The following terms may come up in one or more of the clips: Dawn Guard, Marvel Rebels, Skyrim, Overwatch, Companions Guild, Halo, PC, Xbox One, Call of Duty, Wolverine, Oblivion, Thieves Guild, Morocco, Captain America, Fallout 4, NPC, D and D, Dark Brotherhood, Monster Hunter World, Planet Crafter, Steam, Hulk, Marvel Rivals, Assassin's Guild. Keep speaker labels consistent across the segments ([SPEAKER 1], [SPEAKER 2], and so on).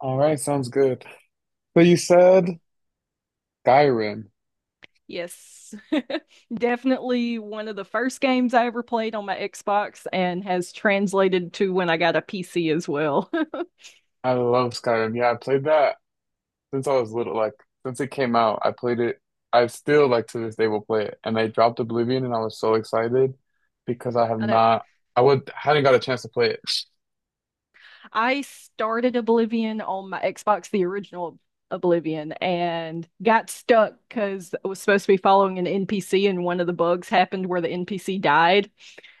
[SPEAKER 1] All right, sounds good. So you
[SPEAKER 2] Right.
[SPEAKER 1] said Skyrim.
[SPEAKER 2] Yes. Definitely one of the first games I ever played on my Xbox and has translated to when I got a PC as well.
[SPEAKER 1] I love Skyrim. Yeah, I played that since I was little. Like since it came out, I played it. I still like to this day will play it. And they dropped Oblivion, and I was so excited because I have
[SPEAKER 2] I know
[SPEAKER 1] not. I would hadn't got a chance to play it.
[SPEAKER 2] I started Oblivion on my Xbox, the original Oblivion, and got stuck because I was supposed to be following an NPC and one of the bugs happened where the NPC died.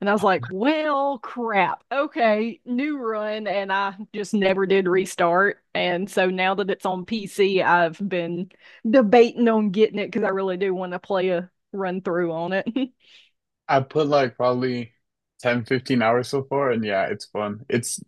[SPEAKER 2] And I was like, well, crap. Okay, new run. And I just never did restart. And so now that it's on PC, I've been debating on getting it because I really do want to play a run through on it.
[SPEAKER 1] I put like probably 10, 15 hours so far, and yeah, it's fun. It's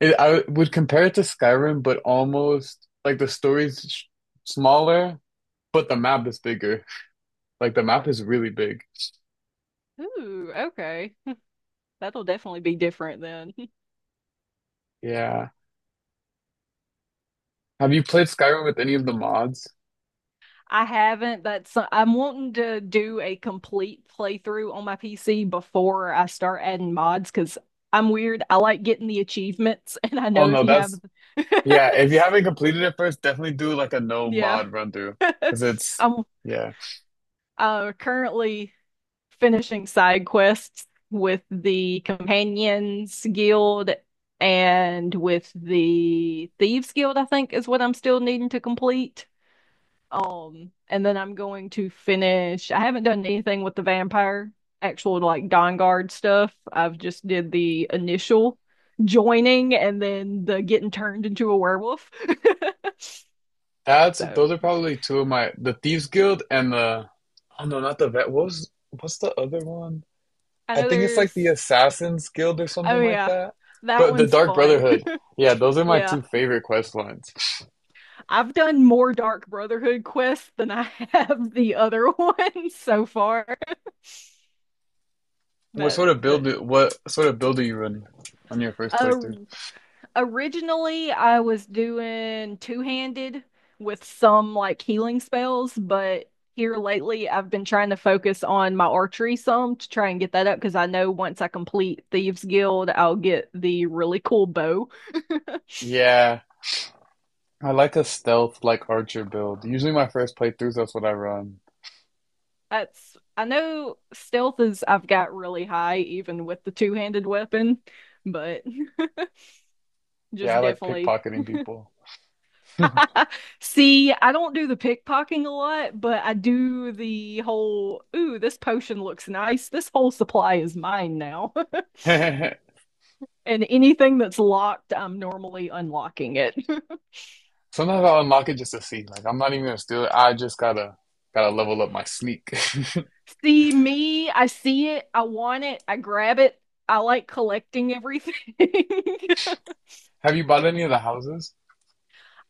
[SPEAKER 1] it, I would compare it to Skyrim, but almost like the story's smaller, but the map is bigger. Like the map is really big.
[SPEAKER 2] Ooh, okay. That'll definitely be different then.
[SPEAKER 1] Yeah. Have you played Skyrim with any of the mods?
[SPEAKER 2] I haven't. That's I'm wanting to do a complete playthrough on my PC before I start adding mods because I'm weird. I like getting the achievements, and I
[SPEAKER 1] Oh
[SPEAKER 2] know if
[SPEAKER 1] no,
[SPEAKER 2] you have,
[SPEAKER 1] that's yeah. If you haven't completed it first, definitely do like a no
[SPEAKER 2] yeah.
[SPEAKER 1] mod run through because it's,
[SPEAKER 2] I'm
[SPEAKER 1] yeah.
[SPEAKER 2] currently finishing side quests with the Companions Guild and with the Thieves Guild, I think is what I'm still needing to complete. And then I'm going to finish. I haven't done anything with the vampire actual like Dawn Guard stuff. I've just did the initial joining and then the getting turned into a werewolf.
[SPEAKER 1] That's
[SPEAKER 2] So
[SPEAKER 1] those are probably two of my, the Thieves Guild and the, oh no, not the vet. What's the other one?
[SPEAKER 2] I
[SPEAKER 1] I
[SPEAKER 2] know
[SPEAKER 1] think it's like the
[SPEAKER 2] there's.
[SPEAKER 1] Assassin's Guild or something
[SPEAKER 2] Oh
[SPEAKER 1] like
[SPEAKER 2] yeah.
[SPEAKER 1] that.
[SPEAKER 2] That
[SPEAKER 1] But the
[SPEAKER 2] one's
[SPEAKER 1] Dark
[SPEAKER 2] fun.
[SPEAKER 1] Brotherhood. Yeah, those are my
[SPEAKER 2] Yeah.
[SPEAKER 1] two favorite quest lines.
[SPEAKER 2] I've done more Dark Brotherhood quests than I have the other ones so far. But but
[SPEAKER 1] What sort of build are you running on your first
[SPEAKER 2] uh,
[SPEAKER 1] playthrough?
[SPEAKER 2] originally I was doing two-handed with some like healing spells, but here lately I've been trying to focus on my archery some to try and get that up because I know once I complete Thieves Guild, I'll get the really cool bow.
[SPEAKER 1] Yeah. I like a stealth like archer build. Usually my first playthroughs, that's what I run.
[SPEAKER 2] That's I know stealth is I've got really high even with the two-handed weapon, but
[SPEAKER 1] Yeah, I
[SPEAKER 2] just
[SPEAKER 1] like
[SPEAKER 2] definitely.
[SPEAKER 1] pickpocketing people.
[SPEAKER 2] See, I don't do the pickpocketing a lot, but I do the whole, ooh, this potion looks nice. This whole supply is mine now.
[SPEAKER 1] Sometimes
[SPEAKER 2] And anything that's locked, I'm normally unlocking it.
[SPEAKER 1] I'll unlock it just to see. Like I'm not even gonna steal it. I just gotta level up my sneak.
[SPEAKER 2] See, me, I see it, I want it, I grab it. I like collecting everything.
[SPEAKER 1] Have you bought any of the houses?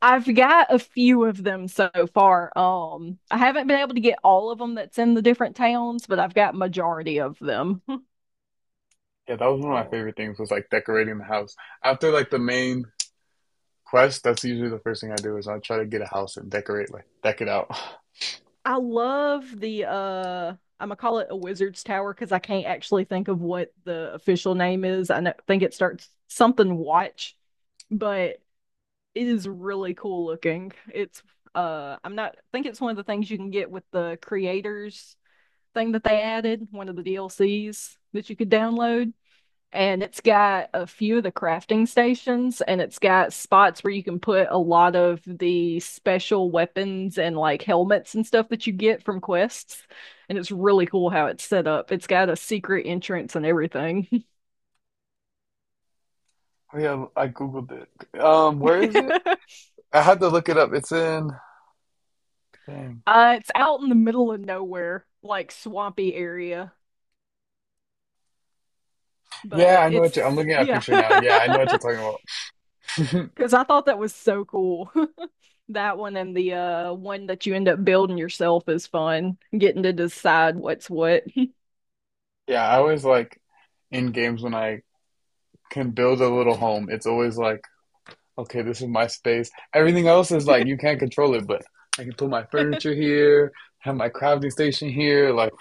[SPEAKER 2] I've got a few of them so far. I haven't been able to get all of them that's in the different towns, but I've got majority of them.
[SPEAKER 1] Yeah, that was one of my
[SPEAKER 2] Oh,
[SPEAKER 1] favorite things was like decorating the house. After like the main quest, that's usually the first thing I do is I try to get a house and decorate like deck it out.
[SPEAKER 2] I love the I'm gonna call it a wizard's tower because I can't actually think of what the official name is. I know, think it starts something watch, but it is really cool looking. It's I'm not I think it's one of the things you can get with the creators thing that they added, one of the DLCs that you could download. And it's got a few of the crafting stations and it's got spots where you can put a lot of the special weapons and like helmets and stuff that you get from quests, and it's really cool how it's set up. It's got a secret entrance and everything.
[SPEAKER 1] Oh yeah, I googled it. Where is it?
[SPEAKER 2] uh,
[SPEAKER 1] I had to look it up. It's in. Dang.
[SPEAKER 2] it's out in the middle of nowhere, like swampy area,
[SPEAKER 1] Yeah,
[SPEAKER 2] but
[SPEAKER 1] I know what you're. I'm
[SPEAKER 2] it's
[SPEAKER 1] looking at a
[SPEAKER 2] yeah.
[SPEAKER 1] picture now. Yeah, I know what you're talking about.
[SPEAKER 2] Because I thought that was so cool. That one and the one that you end up building yourself is fun. Getting to decide what's what.
[SPEAKER 1] Yeah, I always like in games when I can build a little home, it's always like, okay, this is my space. Everything else is like you can't control it, but I can put my furniture here, have my crafting station here. Like,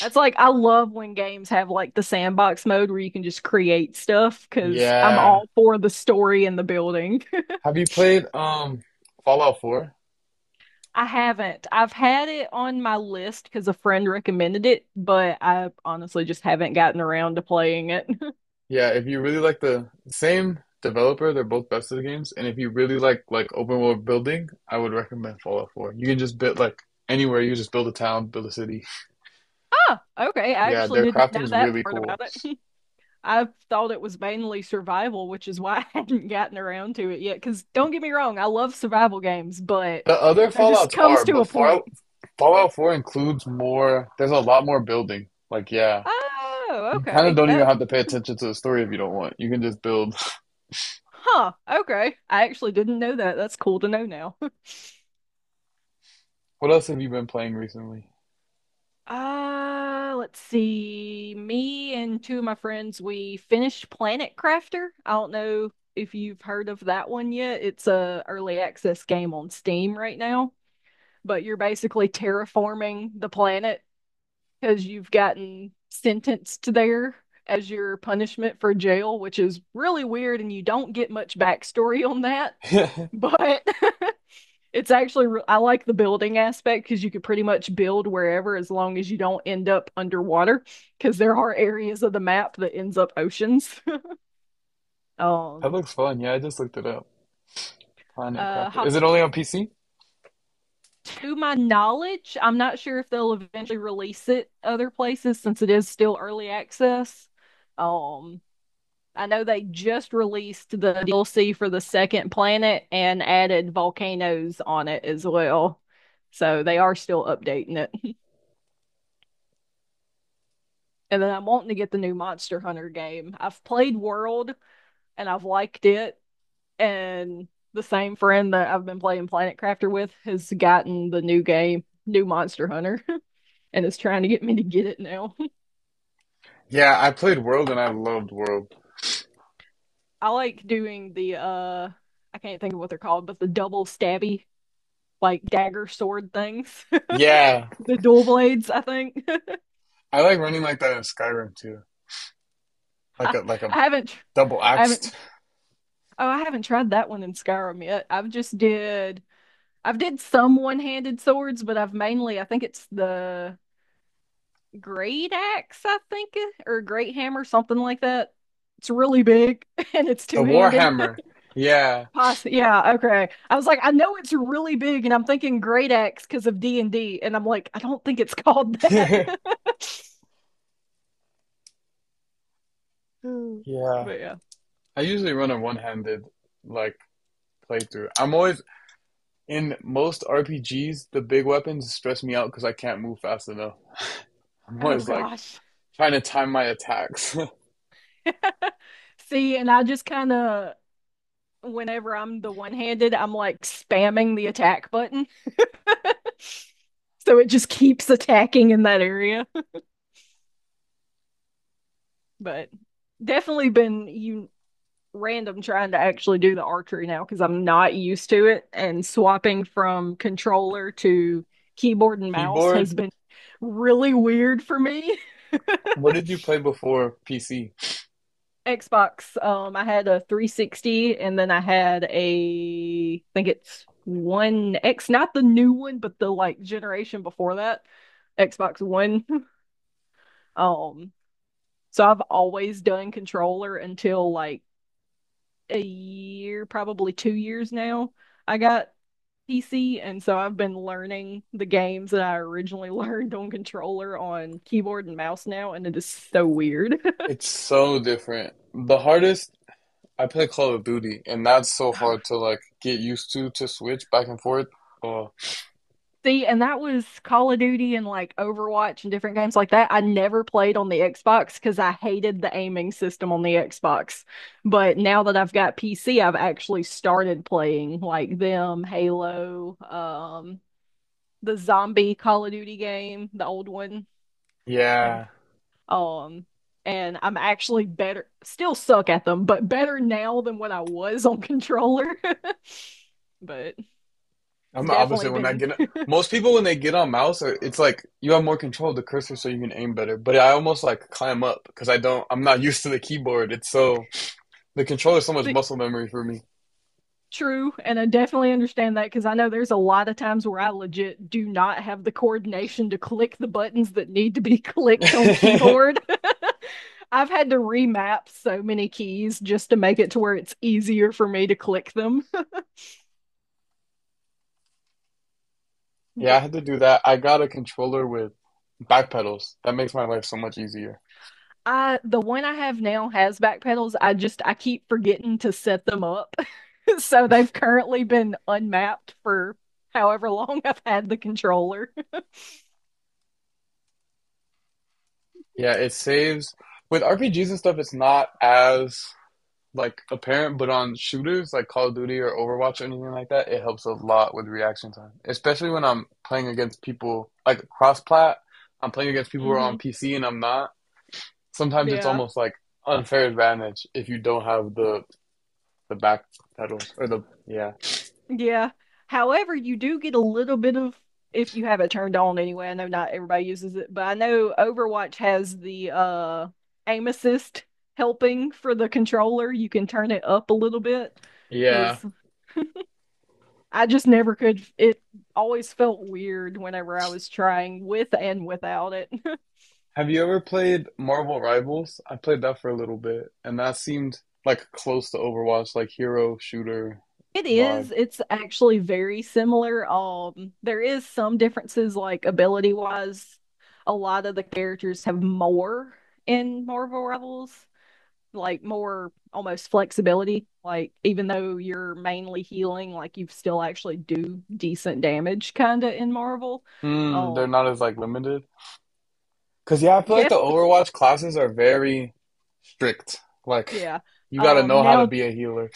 [SPEAKER 2] That's like I love when games have like the sandbox mode where you can just create stuff because I'm
[SPEAKER 1] yeah.
[SPEAKER 2] all for the story and the building.
[SPEAKER 1] Have you played Fallout 4?
[SPEAKER 2] I haven't. I've had it on my list because a friend recommended it, but I honestly just haven't gotten around to playing it.
[SPEAKER 1] Yeah, if you really like the same developer, they're both best of the games, and if you really like open world building, I would recommend Fallout 4. You can just build like anywhere, you just build a town, build a city.
[SPEAKER 2] Ah, okay. I
[SPEAKER 1] Yeah,
[SPEAKER 2] actually
[SPEAKER 1] their
[SPEAKER 2] didn't know
[SPEAKER 1] crafting's
[SPEAKER 2] that
[SPEAKER 1] really
[SPEAKER 2] part
[SPEAKER 1] cool.
[SPEAKER 2] about it. I thought it was mainly survival, which is why I hadn't gotten around to it yet. Because don't get me wrong, I love survival games, but
[SPEAKER 1] The other
[SPEAKER 2] there just
[SPEAKER 1] Fallouts are,
[SPEAKER 2] comes to
[SPEAKER 1] but
[SPEAKER 2] a point.
[SPEAKER 1] Fallout 4 includes more, there's a lot more building. Like, yeah,
[SPEAKER 2] Oh,
[SPEAKER 1] you kind of
[SPEAKER 2] okay.
[SPEAKER 1] don't even
[SPEAKER 2] That,
[SPEAKER 1] have to pay attention to the story if you don't want. You can just build.
[SPEAKER 2] huh. Okay. I actually didn't know that. That's cool to know now.
[SPEAKER 1] What else have you been playing recently?
[SPEAKER 2] Let's see. Me and two of my friends, we finished Planet Crafter. I don't know if you've heard of that one yet. It's a early access game on Steam right now, but you're basically terraforming the planet because you've gotten sentenced there as your punishment for jail, which is really weird, and you don't get much backstory on that.
[SPEAKER 1] That
[SPEAKER 2] But it's actually, I like the building aspect because you could pretty much build wherever as long as you don't end up underwater, because there are areas of the map that ends up oceans. um,
[SPEAKER 1] looks fun. Yeah, I just looked it up. Planet
[SPEAKER 2] uh,
[SPEAKER 1] Crafter.
[SPEAKER 2] ha-
[SPEAKER 1] Is it only on PC?
[SPEAKER 2] to my knowledge, I'm not sure if they'll eventually release it other places since it is still early access. Um, I know they just released the DLC for the second planet and added volcanoes on it as well. So they are still updating it. And then I'm wanting to get the new Monster Hunter game. I've played World and I've liked it. And the same friend that I've been playing Planet Crafter with has gotten the new game, new Monster Hunter, and is trying to get me to get it now.
[SPEAKER 1] Yeah, I played World and I loved World.
[SPEAKER 2] I like doing the I can't think of what they're called, but the double stabby like dagger sword things.
[SPEAKER 1] Yeah,
[SPEAKER 2] The dual blades, I think.
[SPEAKER 1] I like running like that in Skyrim too. Like
[SPEAKER 2] I
[SPEAKER 1] a like a
[SPEAKER 2] haven't, tr-
[SPEAKER 1] double
[SPEAKER 2] I haven't,
[SPEAKER 1] axed.
[SPEAKER 2] oh, I haven't tried that one in Skyrim yet. I've did some one-handed swords, but I've mainly, I think it's the great axe, I think, or great hammer, something like that. It's really big and it's
[SPEAKER 1] The
[SPEAKER 2] two-handed.
[SPEAKER 1] Warhammer. Yeah.
[SPEAKER 2] Poss yeah, okay. I was like, I know it's really big, and I'm thinking great axe because of D and D, and I'm like, I don't think it's called that.
[SPEAKER 1] Yeah.
[SPEAKER 2] But yeah.
[SPEAKER 1] I usually run a one-handed like playthrough. I'm always in most RPGs, the big weapons stress me out because I can't move fast enough. I'm
[SPEAKER 2] Oh
[SPEAKER 1] always like
[SPEAKER 2] gosh.
[SPEAKER 1] trying to time my attacks.
[SPEAKER 2] See, and I just kind of, whenever I'm the one-handed, I'm like spamming the attack button. So it just keeps attacking in that area. But definitely been you random trying to actually do the archery now because I'm not used to it. And swapping from controller to keyboard and mouse has
[SPEAKER 1] Keyboard,
[SPEAKER 2] been really weird for me.
[SPEAKER 1] what did you play before PC?
[SPEAKER 2] Xbox. I had a 360, and then I had a, I think it's One X, not the new one, but the like generation before that, Xbox One. Um, so I've always done controller until like a year, probably 2 years now. I got PC, and so I've been learning the games that I originally learned on controller on keyboard and mouse now, and it is so weird.
[SPEAKER 1] It's so different. The hardest, I play Call of Duty, and that's so hard to like get used to switch back and forth. Oh,
[SPEAKER 2] See, and that was Call of Duty and like Overwatch and different games like that. I never played on the Xbox because I hated the aiming system on the Xbox. But now that I've got PC, I've actually started playing like them, Halo, the zombie Call of Duty game, the old one. Thank-
[SPEAKER 1] yeah.
[SPEAKER 2] Um, and I'm actually better, still suck at them, but better now than what I was on controller. But
[SPEAKER 1] I'm
[SPEAKER 2] it's
[SPEAKER 1] the
[SPEAKER 2] definitely
[SPEAKER 1] opposite when I
[SPEAKER 2] been.
[SPEAKER 1] get most people when they get on mouse, it's like you have more control of the cursor so you can aim better, but I almost like climb up because I don't I'm not used to the keyboard, it's so. The controller is so much muscle memory for me.
[SPEAKER 2] True, and I definitely understand that because I know there's a lot of times where I legit do not have the coordination to click the buttons that need to be clicked on keyboard. I've had to remap so many keys just to make it to where it's easier for me to click them.
[SPEAKER 1] Yeah, I
[SPEAKER 2] But
[SPEAKER 1] had to do that. I got a controller with back pedals. That makes my life so much easier.
[SPEAKER 2] I the one I have now has back pedals. I keep forgetting to set them up. So they've currently been unmapped for however long I've had the controller.
[SPEAKER 1] Yeah, it saves with RPGs and stuff. It's not as like apparent, but on shooters like Call of Duty or Overwatch or anything like that, it helps a lot with reaction time. Especially when I'm playing against people like cross-plat. I'm playing against people who are on
[SPEAKER 2] hmm.
[SPEAKER 1] PC and I'm not. Sometimes it's
[SPEAKER 2] Yeah.
[SPEAKER 1] almost like unfair advantage if you don't have the back pedals or the, yeah,
[SPEAKER 2] Yeah. However, you do get a little bit of if you have it turned on anyway. I know not everybody uses it, but I know Overwatch has the aim assist helping for the controller. You can turn it up a little bit
[SPEAKER 1] yeah.
[SPEAKER 2] because I just never could. It always felt weird whenever I was trying with and without it.
[SPEAKER 1] Have you ever played Marvel Rivals? I played that for a little bit, and that seemed like close to Overwatch, like hero shooter
[SPEAKER 2] It
[SPEAKER 1] vibe.
[SPEAKER 2] is. It's actually very similar. There is some differences, like ability wise. A lot of the characters have more in Marvel Rebels, like more almost flexibility. Like even though you're mainly healing, like you still actually do decent damage, kinda in Marvel.
[SPEAKER 1] Mm, they're
[SPEAKER 2] Um,
[SPEAKER 1] not as like limited. Cause yeah, I feel like the
[SPEAKER 2] def
[SPEAKER 1] Overwatch classes are very strict. Like
[SPEAKER 2] yeah.
[SPEAKER 1] you gotta know how to
[SPEAKER 2] Now
[SPEAKER 1] be a healer.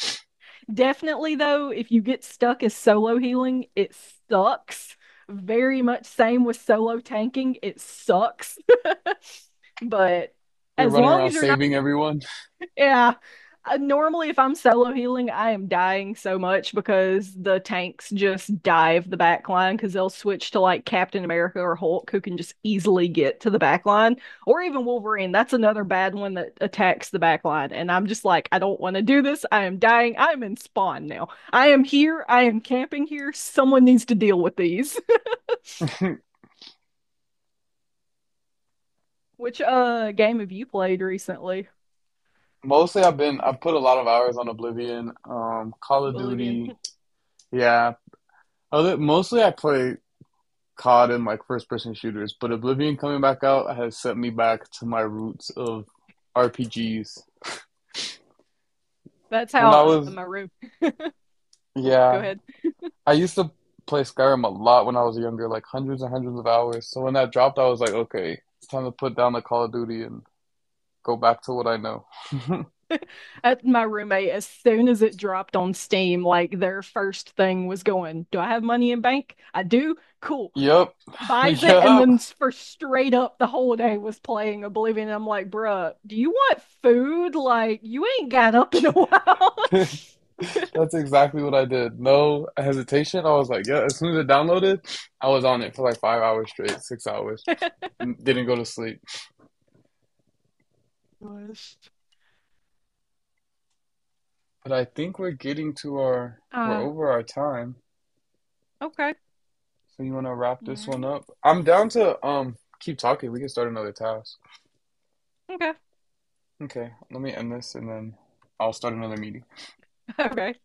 [SPEAKER 2] Definitely, though, if you get stuck as solo healing, it sucks. Very much same with solo tanking, it sucks. But
[SPEAKER 1] You're
[SPEAKER 2] as
[SPEAKER 1] running
[SPEAKER 2] long
[SPEAKER 1] around
[SPEAKER 2] as you're not
[SPEAKER 1] saving everyone.
[SPEAKER 2] yeah. Normally, if I'm solo healing, I am dying so much because the tanks just dive the back line because they'll switch to like Captain America or Hulk who can just easily get to the back line, or even Wolverine. That's another bad one that attacks the back line. And I'm just like, I don't want to do this. I am dying. I'm in spawn now. I am here. I am camping here. Someone needs to deal with these. Which game have you played recently?
[SPEAKER 1] Mostly I've put a lot of hours on Oblivion, Call of
[SPEAKER 2] Bolivian.
[SPEAKER 1] Duty. Yeah. Other mostly I play COD and like first person shooters, but Oblivion coming back out has sent me back to my roots of RPGs.
[SPEAKER 2] That's
[SPEAKER 1] When
[SPEAKER 2] how
[SPEAKER 1] I was,
[SPEAKER 2] my room. Oh, go
[SPEAKER 1] yeah,
[SPEAKER 2] ahead.
[SPEAKER 1] I used to play Skyrim a lot when I was younger, like hundreds and hundreds of hours. So when that dropped, I was like, okay, it's time to put down the Call of Duty and go back to what I know.
[SPEAKER 2] At my roommate as soon as it dropped on Steam, like their first thing was going, do I have money in bank? I do. Cool.
[SPEAKER 1] Yep,
[SPEAKER 2] Buys it and
[SPEAKER 1] yep.
[SPEAKER 2] then for straight up the whole day was playing Oblivion. And I'm like, bruh, do you want food? Like you ain't got up in a while.
[SPEAKER 1] That's exactly what I did. No hesitation. I was like, yeah, as soon as it downloaded, I was on it for like 5 hours straight, 6 hours. Didn't go to sleep.
[SPEAKER 2] Gosh.
[SPEAKER 1] But I think we're
[SPEAKER 2] Uh,
[SPEAKER 1] over our time.
[SPEAKER 2] okay.
[SPEAKER 1] So you want to wrap
[SPEAKER 2] All
[SPEAKER 1] this one
[SPEAKER 2] right.
[SPEAKER 1] up? I'm down to keep talking. We can start another task.
[SPEAKER 2] Okay.
[SPEAKER 1] Okay, let me end this and then I'll start another meeting.
[SPEAKER 2] Okay.